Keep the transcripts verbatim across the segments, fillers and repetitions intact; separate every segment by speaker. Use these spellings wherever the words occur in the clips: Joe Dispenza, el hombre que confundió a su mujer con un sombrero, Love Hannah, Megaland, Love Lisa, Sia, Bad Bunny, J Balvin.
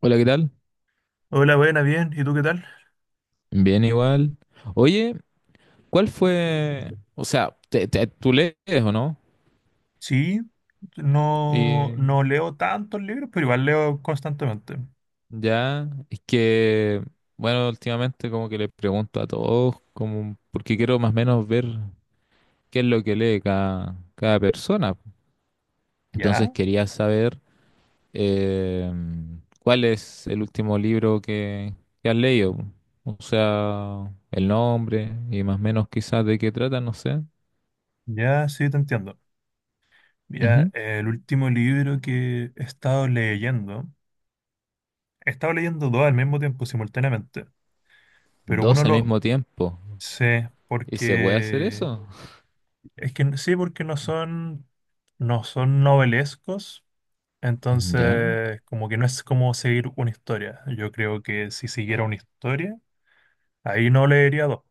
Speaker 1: Hola, ¿qué tal?
Speaker 2: Hola, buena, bien. ¿Y tú qué tal?
Speaker 1: Bien, igual. Oye, ¿cuál fue? O sea, te- te- tú lees o no?
Speaker 2: Sí, no,
Speaker 1: Y
Speaker 2: no leo tantos libros, pero igual leo constantemente.
Speaker 1: ya, es que, bueno, últimamente como que le pregunto a todos, como, porque quiero más o menos ver qué es lo que lee cada, cada persona. Entonces
Speaker 2: Ya,
Speaker 1: quería saber eh, cuál es el último libro que, que has leído. O sea, el nombre y más o menos quizás de qué trata, no sé.
Speaker 2: ya, sí, te entiendo. Ya,
Speaker 1: Ujú.
Speaker 2: el último libro que he estado leyendo, he estado leyendo dos al mismo tiempo, simultáneamente, pero uno
Speaker 1: Dos al
Speaker 2: lo
Speaker 1: mismo tiempo.
Speaker 2: sé
Speaker 1: ¿Y se puede hacer
Speaker 2: porque,
Speaker 1: eso?
Speaker 2: es que sí, porque no son, no son novelescos,
Speaker 1: Ya,
Speaker 2: entonces como que no es como seguir una historia. Yo creo que si siguiera una historia ahí no leería dos,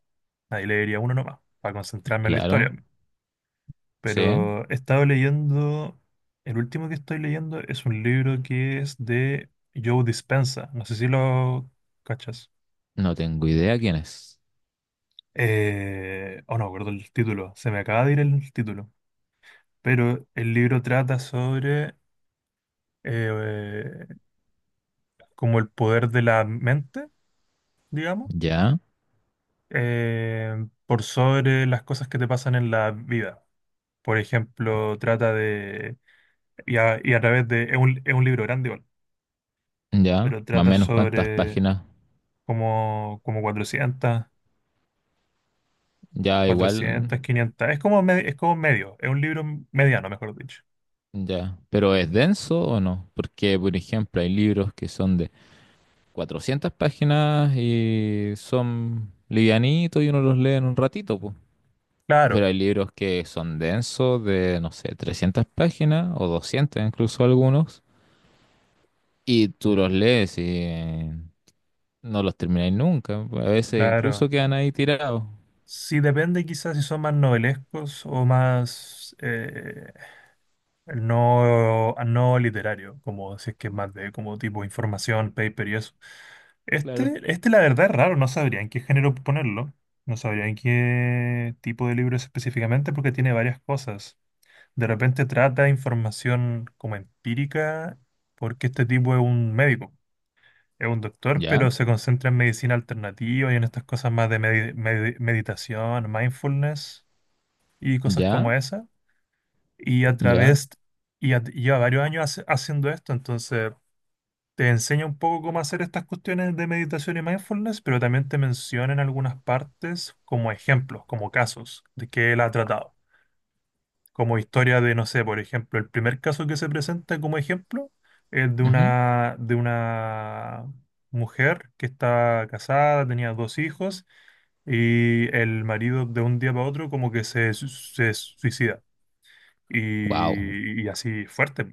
Speaker 2: ahí leería uno nomás, para concentrarme en la historia.
Speaker 1: claro, sí.
Speaker 2: Pero he estado leyendo, el último que estoy leyendo es un libro que es de Joe Dispenza, no sé si lo cachas.
Speaker 1: No tengo idea quién es.
Speaker 2: Eh, oh, no, me acuerdo el título, se me acaba de ir el título. Pero el libro trata sobre eh, como el poder de la mente, digamos,
Speaker 1: Ya,
Speaker 2: eh, por sobre las cosas que te pasan en la vida. Por ejemplo, trata de— Y a, y a través de— Es un, es un libro grande igual,
Speaker 1: ya,
Speaker 2: pero
Speaker 1: más o
Speaker 2: trata
Speaker 1: menos cuántas
Speaker 2: sobre
Speaker 1: páginas.
Speaker 2: como, como cuatrocientas,
Speaker 1: Ya, igual,
Speaker 2: cuatrocientas quinientas. Es como, me- es como medio, es un libro mediano, mejor dicho.
Speaker 1: ya. Pero ¿es denso o no? Porque, por ejemplo, hay libros que son de cuatrocientas páginas y son livianitos y uno los lee en un ratito, pues. Pero
Speaker 2: Claro,
Speaker 1: hay libros que son densos de, no sé, trescientas páginas o doscientas incluso algunos. Y tú los lees y no los termináis nunca. A veces incluso
Speaker 2: claro.
Speaker 1: quedan ahí tirados.
Speaker 2: Sí, depende quizás si son más novelescos o más eh, no, no literario, como si es que es más de como tipo información, paper y eso.
Speaker 1: Claro.
Speaker 2: Este, este la verdad es raro, no sabría en qué género ponerlo, no sabría en qué tipo de libro es específicamente porque tiene varias cosas. De repente trata información como empírica porque este tipo es un médico. Es un doctor,
Speaker 1: Ya,
Speaker 2: pero se concentra en medicina alternativa y en estas cosas más de medi- medi- meditación, mindfulness y cosas como
Speaker 1: ya,
Speaker 2: esa. Y a
Speaker 1: ya.
Speaker 2: través, y a- Lleva varios años hace- haciendo esto, entonces te enseña un poco cómo hacer estas cuestiones de meditación y mindfulness, pero también te menciona en algunas partes como ejemplos, como casos de que él ha tratado, como historia de, no sé. Por ejemplo, el primer caso que se presenta como ejemplo es de una, de una, mujer que está casada, tenía dos hijos y el marido de un día para otro como que se, su- se suicida
Speaker 1: Wow.
Speaker 2: y, y así fuerte.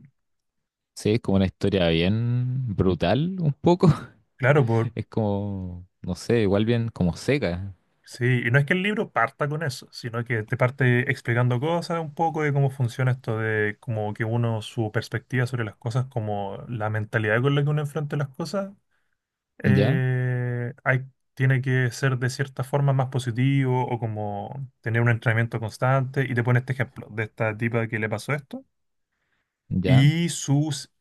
Speaker 1: Sí, es como una historia bien brutal, un poco.
Speaker 2: Claro, por,
Speaker 1: Es como, no sé, igual bien como seca.
Speaker 2: sí, y no es que el libro parta con eso, sino que te parte explicando cosas un poco de cómo funciona esto de como que uno, su perspectiva sobre las cosas, como la mentalidad con la que uno enfrenta las cosas.
Speaker 1: Ya,
Speaker 2: eh, hay, Tiene que ser de cierta forma más positivo o como tener un entrenamiento constante. Y te pone este ejemplo de esta tipa que le pasó esto.
Speaker 1: ya,
Speaker 2: Y sus—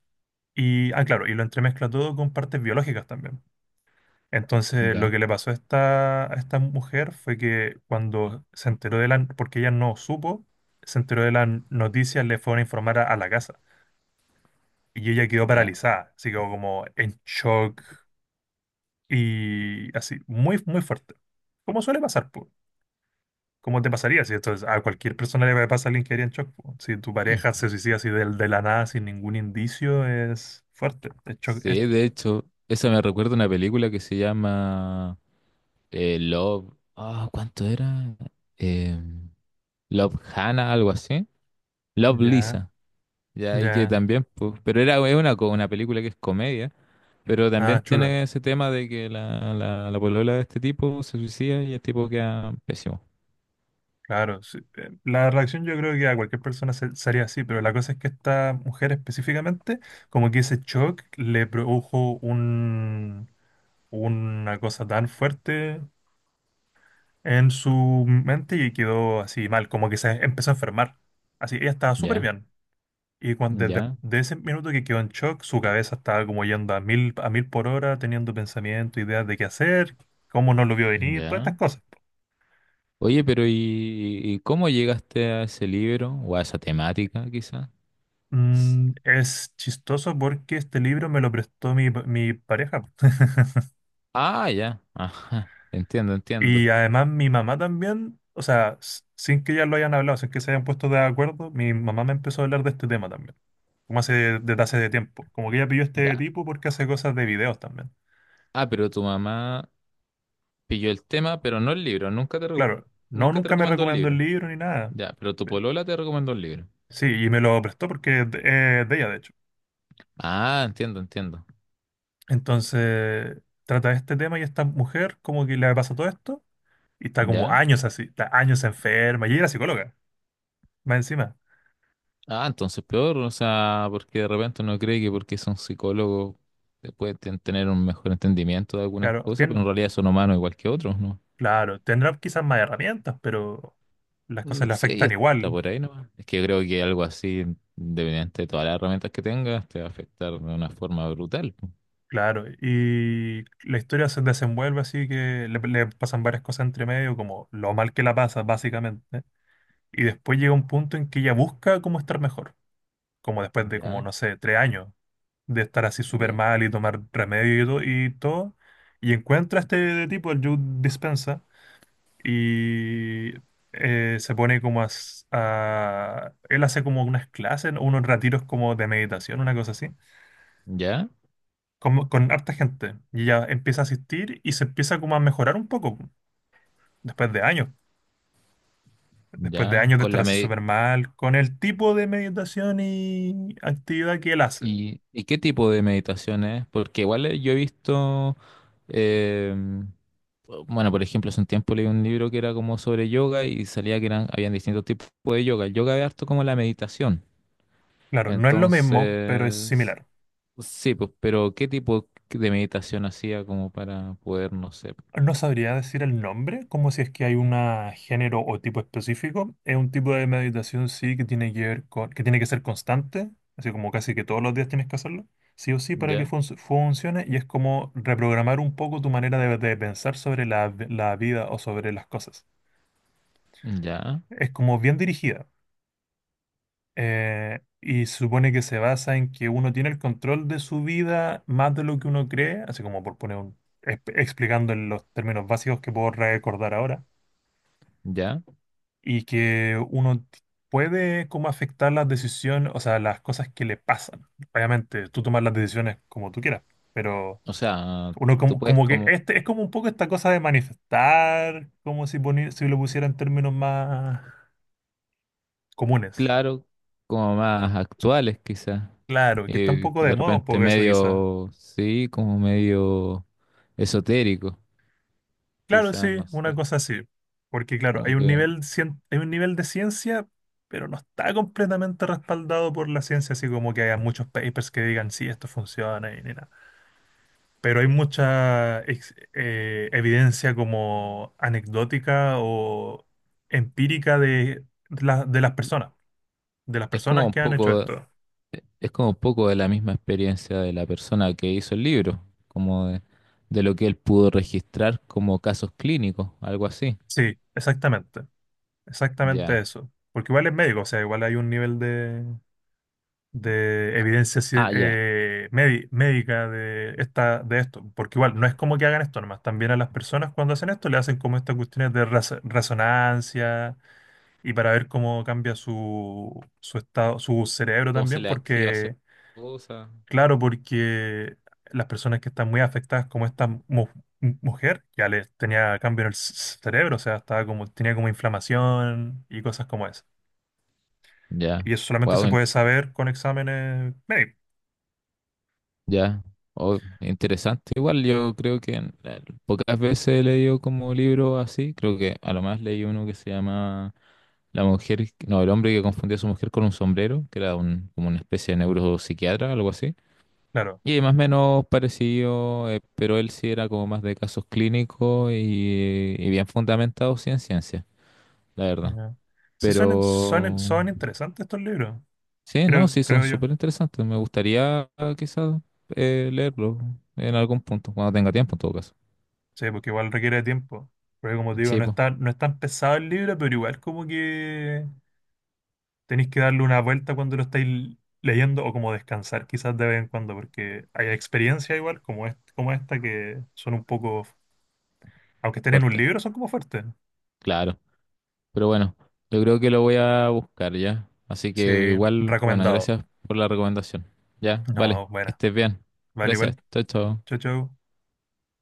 Speaker 2: Y, ah, claro, y lo entremezcla todo con partes biológicas también. Entonces, lo
Speaker 1: ya,
Speaker 2: que le pasó a esta, a esta mujer fue que cuando se enteró de la— Porque ella no supo, se enteró de las noticias, le fueron a informar a, a la casa. Y ella quedó
Speaker 1: ya.
Speaker 2: paralizada, así quedó como en shock. Y así, muy, muy fuerte. Como suele pasar, po. Como te pasaría si esto es- a cualquier persona le pasa, a alguien que haría en shock, po. Si tu
Speaker 1: Mm.
Speaker 2: pareja se suicida así de, de la nada, sin ningún indicio, es fuerte. Es shock- es-
Speaker 1: Sí, de hecho, esa me recuerda a una película que se llama eh, Love. Ah, ¿cuánto era? Eh, Love Hannah, algo así. Love
Speaker 2: ya,
Speaker 1: Lisa. Ya, y que
Speaker 2: ya.
Speaker 1: también, pues, pero era es una, co- una película que es comedia, pero también
Speaker 2: Ah, chuta.
Speaker 1: tiene ese tema de que la, la, la polola de este tipo se suicida y el tipo queda pésimo.
Speaker 2: Claro. Sí. Eh, La reacción yo creo que a cualquier persona se, se haría así, pero la cosa es que esta mujer específicamente, como que ese shock le produjo un, una cosa tan fuerte en su mente y quedó así mal, como que se empezó a enfermar. Así, ella estaba súper
Speaker 1: Ya,
Speaker 2: bien. Y cuando, desde
Speaker 1: ya,
Speaker 2: de ese minuto que quedó en shock, su cabeza estaba como yendo a mil, a mil por hora, teniendo pensamientos, ideas de qué hacer, cómo no lo vio venir, todas estas
Speaker 1: ya.
Speaker 2: cosas.
Speaker 1: Oye, pero ¿y, y cómo llegaste a ese libro o a esa temática, quizás?
Speaker 2: Mm, es chistoso porque este libro me lo prestó mi, mi pareja.
Speaker 1: Ah, ya, ajá, entiendo,
Speaker 2: Y
Speaker 1: entiendo.
Speaker 2: además mi mamá también, o sea, s- sin que ya lo hayan hablado, sin que se hayan puesto de acuerdo, mi mamá me empezó a hablar de este tema también, como hace desde hace de tiempo. Como que ella pilló este
Speaker 1: Ya.
Speaker 2: tipo porque hace cosas de videos también.
Speaker 1: Ah, pero tu mamá pilló el tema, pero no el libro, nunca te, reco-
Speaker 2: Claro, no,
Speaker 1: nunca te
Speaker 2: nunca me
Speaker 1: recomendó el
Speaker 2: recomendó el
Speaker 1: libro.
Speaker 2: libro ni nada.
Speaker 1: Ya, pero tu
Speaker 2: Eh,
Speaker 1: polola te recomendó el libro.
Speaker 2: Sí, y me lo prestó porque es de, eh, de ella, de hecho.
Speaker 1: Ah, entiendo, entiendo.
Speaker 2: Entonces, trata este tema y esta mujer como que le pasa todo esto y está como
Speaker 1: ¿Ya?
Speaker 2: años así, está años enferma y ella era psicóloga, más encima.
Speaker 1: Ah, entonces peor, o sea, porque de repente uno cree que porque son psicólogos eh, pueden ten- tener un mejor entendimiento de algunas
Speaker 2: Claro,
Speaker 1: cosas, pero
Speaker 2: tien-
Speaker 1: en realidad son humanos igual que otros, ¿no?
Speaker 2: claro, tendrá quizás más herramientas, pero las
Speaker 1: Mm,
Speaker 2: cosas le
Speaker 1: sí,
Speaker 2: afectan
Speaker 1: está
Speaker 2: igual.
Speaker 1: por ahí nomás. Es que yo creo que algo así, independiente de todas las herramientas que tengas, te va a afectar de una forma brutal, po.
Speaker 2: Claro, y la historia se desenvuelve así que le, le pasan varias cosas entre medio, como lo mal que la pasa, básicamente. Y después llega un punto en que ella busca cómo estar mejor, como después de, como
Speaker 1: Ya,
Speaker 2: no sé, tres años de estar así súper
Speaker 1: ya.
Speaker 2: mal y tomar remedio y todo, y todo. Y encuentra a este tipo, el Joe Dispensa, y eh, se pone como a, s- a- Él hace como unas clases, unos retiros como de meditación, una cosa así,
Speaker 1: Ya,
Speaker 2: como- con harta gente. Y ella empieza a asistir y se empieza como a mejorar un poco, después de años. Después de
Speaker 1: ya,
Speaker 2: años de
Speaker 1: con
Speaker 2: estar
Speaker 1: la
Speaker 2: así
Speaker 1: medi-
Speaker 2: súper mal, con el tipo de meditación y actividad que él hace.
Speaker 1: ¿Y, y qué tipo de meditación es? Porque igual eh, yo he visto... em, Bueno, por ejemplo, hace un tiempo leí un libro que era como sobre yoga y salía que eran, habían distintos tipos de yoga. El yoga es harto como la meditación.
Speaker 2: Claro, no es lo mismo, pero es
Speaker 1: Entonces,
Speaker 2: similar.
Speaker 1: sí, pues, pero ¿qué tipo de meditación hacía como para poder, no sé,
Speaker 2: No sabría decir el nombre, como si es que hay un género o tipo específico. Es un tipo de meditación, sí, que tiene que ver con, que tiene que ser constante, así como casi que todos los días tienes que hacerlo, sí o sí, para que
Speaker 1: ya,
Speaker 2: func- funcione, y es como reprogramar un poco tu manera de, de, pensar sobre la, la vida o sobre las cosas.
Speaker 1: ya,
Speaker 2: Es como bien dirigida. Eh, y se supone que se basa en que uno tiene el control de su vida más de lo que uno cree, así como por poner un, exp- explicando en los términos básicos que puedo recordar ahora,
Speaker 1: ya?
Speaker 2: y que uno t- puede como afectar las decisiones, o sea, las cosas que le pasan. Obviamente, tú tomas las decisiones como tú quieras, pero
Speaker 1: O sea,
Speaker 2: uno
Speaker 1: tú
Speaker 2: como,
Speaker 1: puedes
Speaker 2: como que
Speaker 1: como,
Speaker 2: este es como un poco esta cosa de manifestar, como si, poni- si lo pusiera en términos más comunes.
Speaker 1: claro, como más actuales quizás,
Speaker 2: Claro, que está un
Speaker 1: eh,
Speaker 2: poco
Speaker 1: que
Speaker 2: de
Speaker 1: de
Speaker 2: moda un
Speaker 1: repente
Speaker 2: poco eso quizás.
Speaker 1: medio, sí, como medio esotérico,
Speaker 2: Claro,
Speaker 1: quizás,
Speaker 2: sí,
Speaker 1: no
Speaker 2: una
Speaker 1: sé,
Speaker 2: cosa así. Porque claro, hay
Speaker 1: como
Speaker 2: un
Speaker 1: que
Speaker 2: nivel, cien- hay un nivel de ciencia, pero no está completamente respaldado por la ciencia, así como que haya muchos papers que digan, sí, esto funciona y ni nada. Pero hay mucha ex- eh, evidencia como anecdótica o empírica de, la- de las personas, de las
Speaker 1: es como
Speaker 2: personas
Speaker 1: un
Speaker 2: que han hecho
Speaker 1: poco...
Speaker 2: esto.
Speaker 1: Es como un poco de la misma experiencia de la persona que hizo el libro, como de, de lo que él pudo registrar como casos clínicos, algo así.
Speaker 2: Sí, exactamente, exactamente
Speaker 1: Ya.
Speaker 2: eso. Porque igual es médico, o sea, igual hay un nivel de, de evidencia ci-
Speaker 1: Ah, ya.
Speaker 2: eh, medi- médica de, esta, de esto. Porque igual no es como que hagan esto nomás, también a las personas cuando hacen esto le hacen como estas cuestiones de raz- resonancia y para ver cómo cambia su, su estado, su cerebro
Speaker 1: ¿Cómo se
Speaker 2: también,
Speaker 1: le activa cierta
Speaker 2: porque
Speaker 1: cosa?
Speaker 2: claro, porque las personas que están muy afectadas, como esta mu- mujer, ya les tenía cambio en el c- cerebro, o sea, estaba como, tenía como inflamación y cosas como esa.
Speaker 1: Ya.
Speaker 2: Y eso solamente
Speaker 1: Wow,
Speaker 2: se
Speaker 1: in-
Speaker 2: puede saber con exámenes médicos,
Speaker 1: ya. Oh, interesante. Igual yo creo que en- eh, pocas veces he leído como libro así. Creo que a lo más leí uno que se llama La mujer, no, el hombre que confundió a su mujer con un sombrero, que era un, como una especie de neuropsiquiatra, algo así.
Speaker 2: claro.
Speaker 1: Y más o menos parecido, eh, pero él sí era como más de casos clínicos y, y bien fundamentado sí en ciencia, la verdad.
Speaker 2: Ya. Sí, son, son,
Speaker 1: Pero
Speaker 2: son interesantes estos libros,
Speaker 1: sí, no,
Speaker 2: creo,
Speaker 1: sí son
Speaker 2: creo yo.
Speaker 1: súper interesantes. Me gustaría ah, quizás eh, leerlo en algún punto, cuando tenga tiempo en todo caso.
Speaker 2: Sí, porque igual requiere tiempo. Porque como te digo,
Speaker 1: Sí,
Speaker 2: no es
Speaker 1: pues,
Speaker 2: tan, no es tan pesado el libro, pero igual como que tenéis que darle una vuelta cuando lo estáis leyendo o como descansar quizás de vez en cuando, porque hay experiencias igual como, est- como esta, que son un poco, aunque estén en un
Speaker 1: fuerte,
Speaker 2: libro, son como fuertes.
Speaker 1: claro. Pero bueno, yo creo que lo voy a buscar ya. Así
Speaker 2: Sí,
Speaker 1: que igual, bueno,
Speaker 2: recomendado.
Speaker 1: gracias por la recomendación. Ya, vale,
Speaker 2: No,
Speaker 1: que
Speaker 2: buena.
Speaker 1: estés bien.
Speaker 2: Vale,
Speaker 1: Gracias,
Speaker 2: igual.
Speaker 1: chao, chao.
Speaker 2: Chau, chau.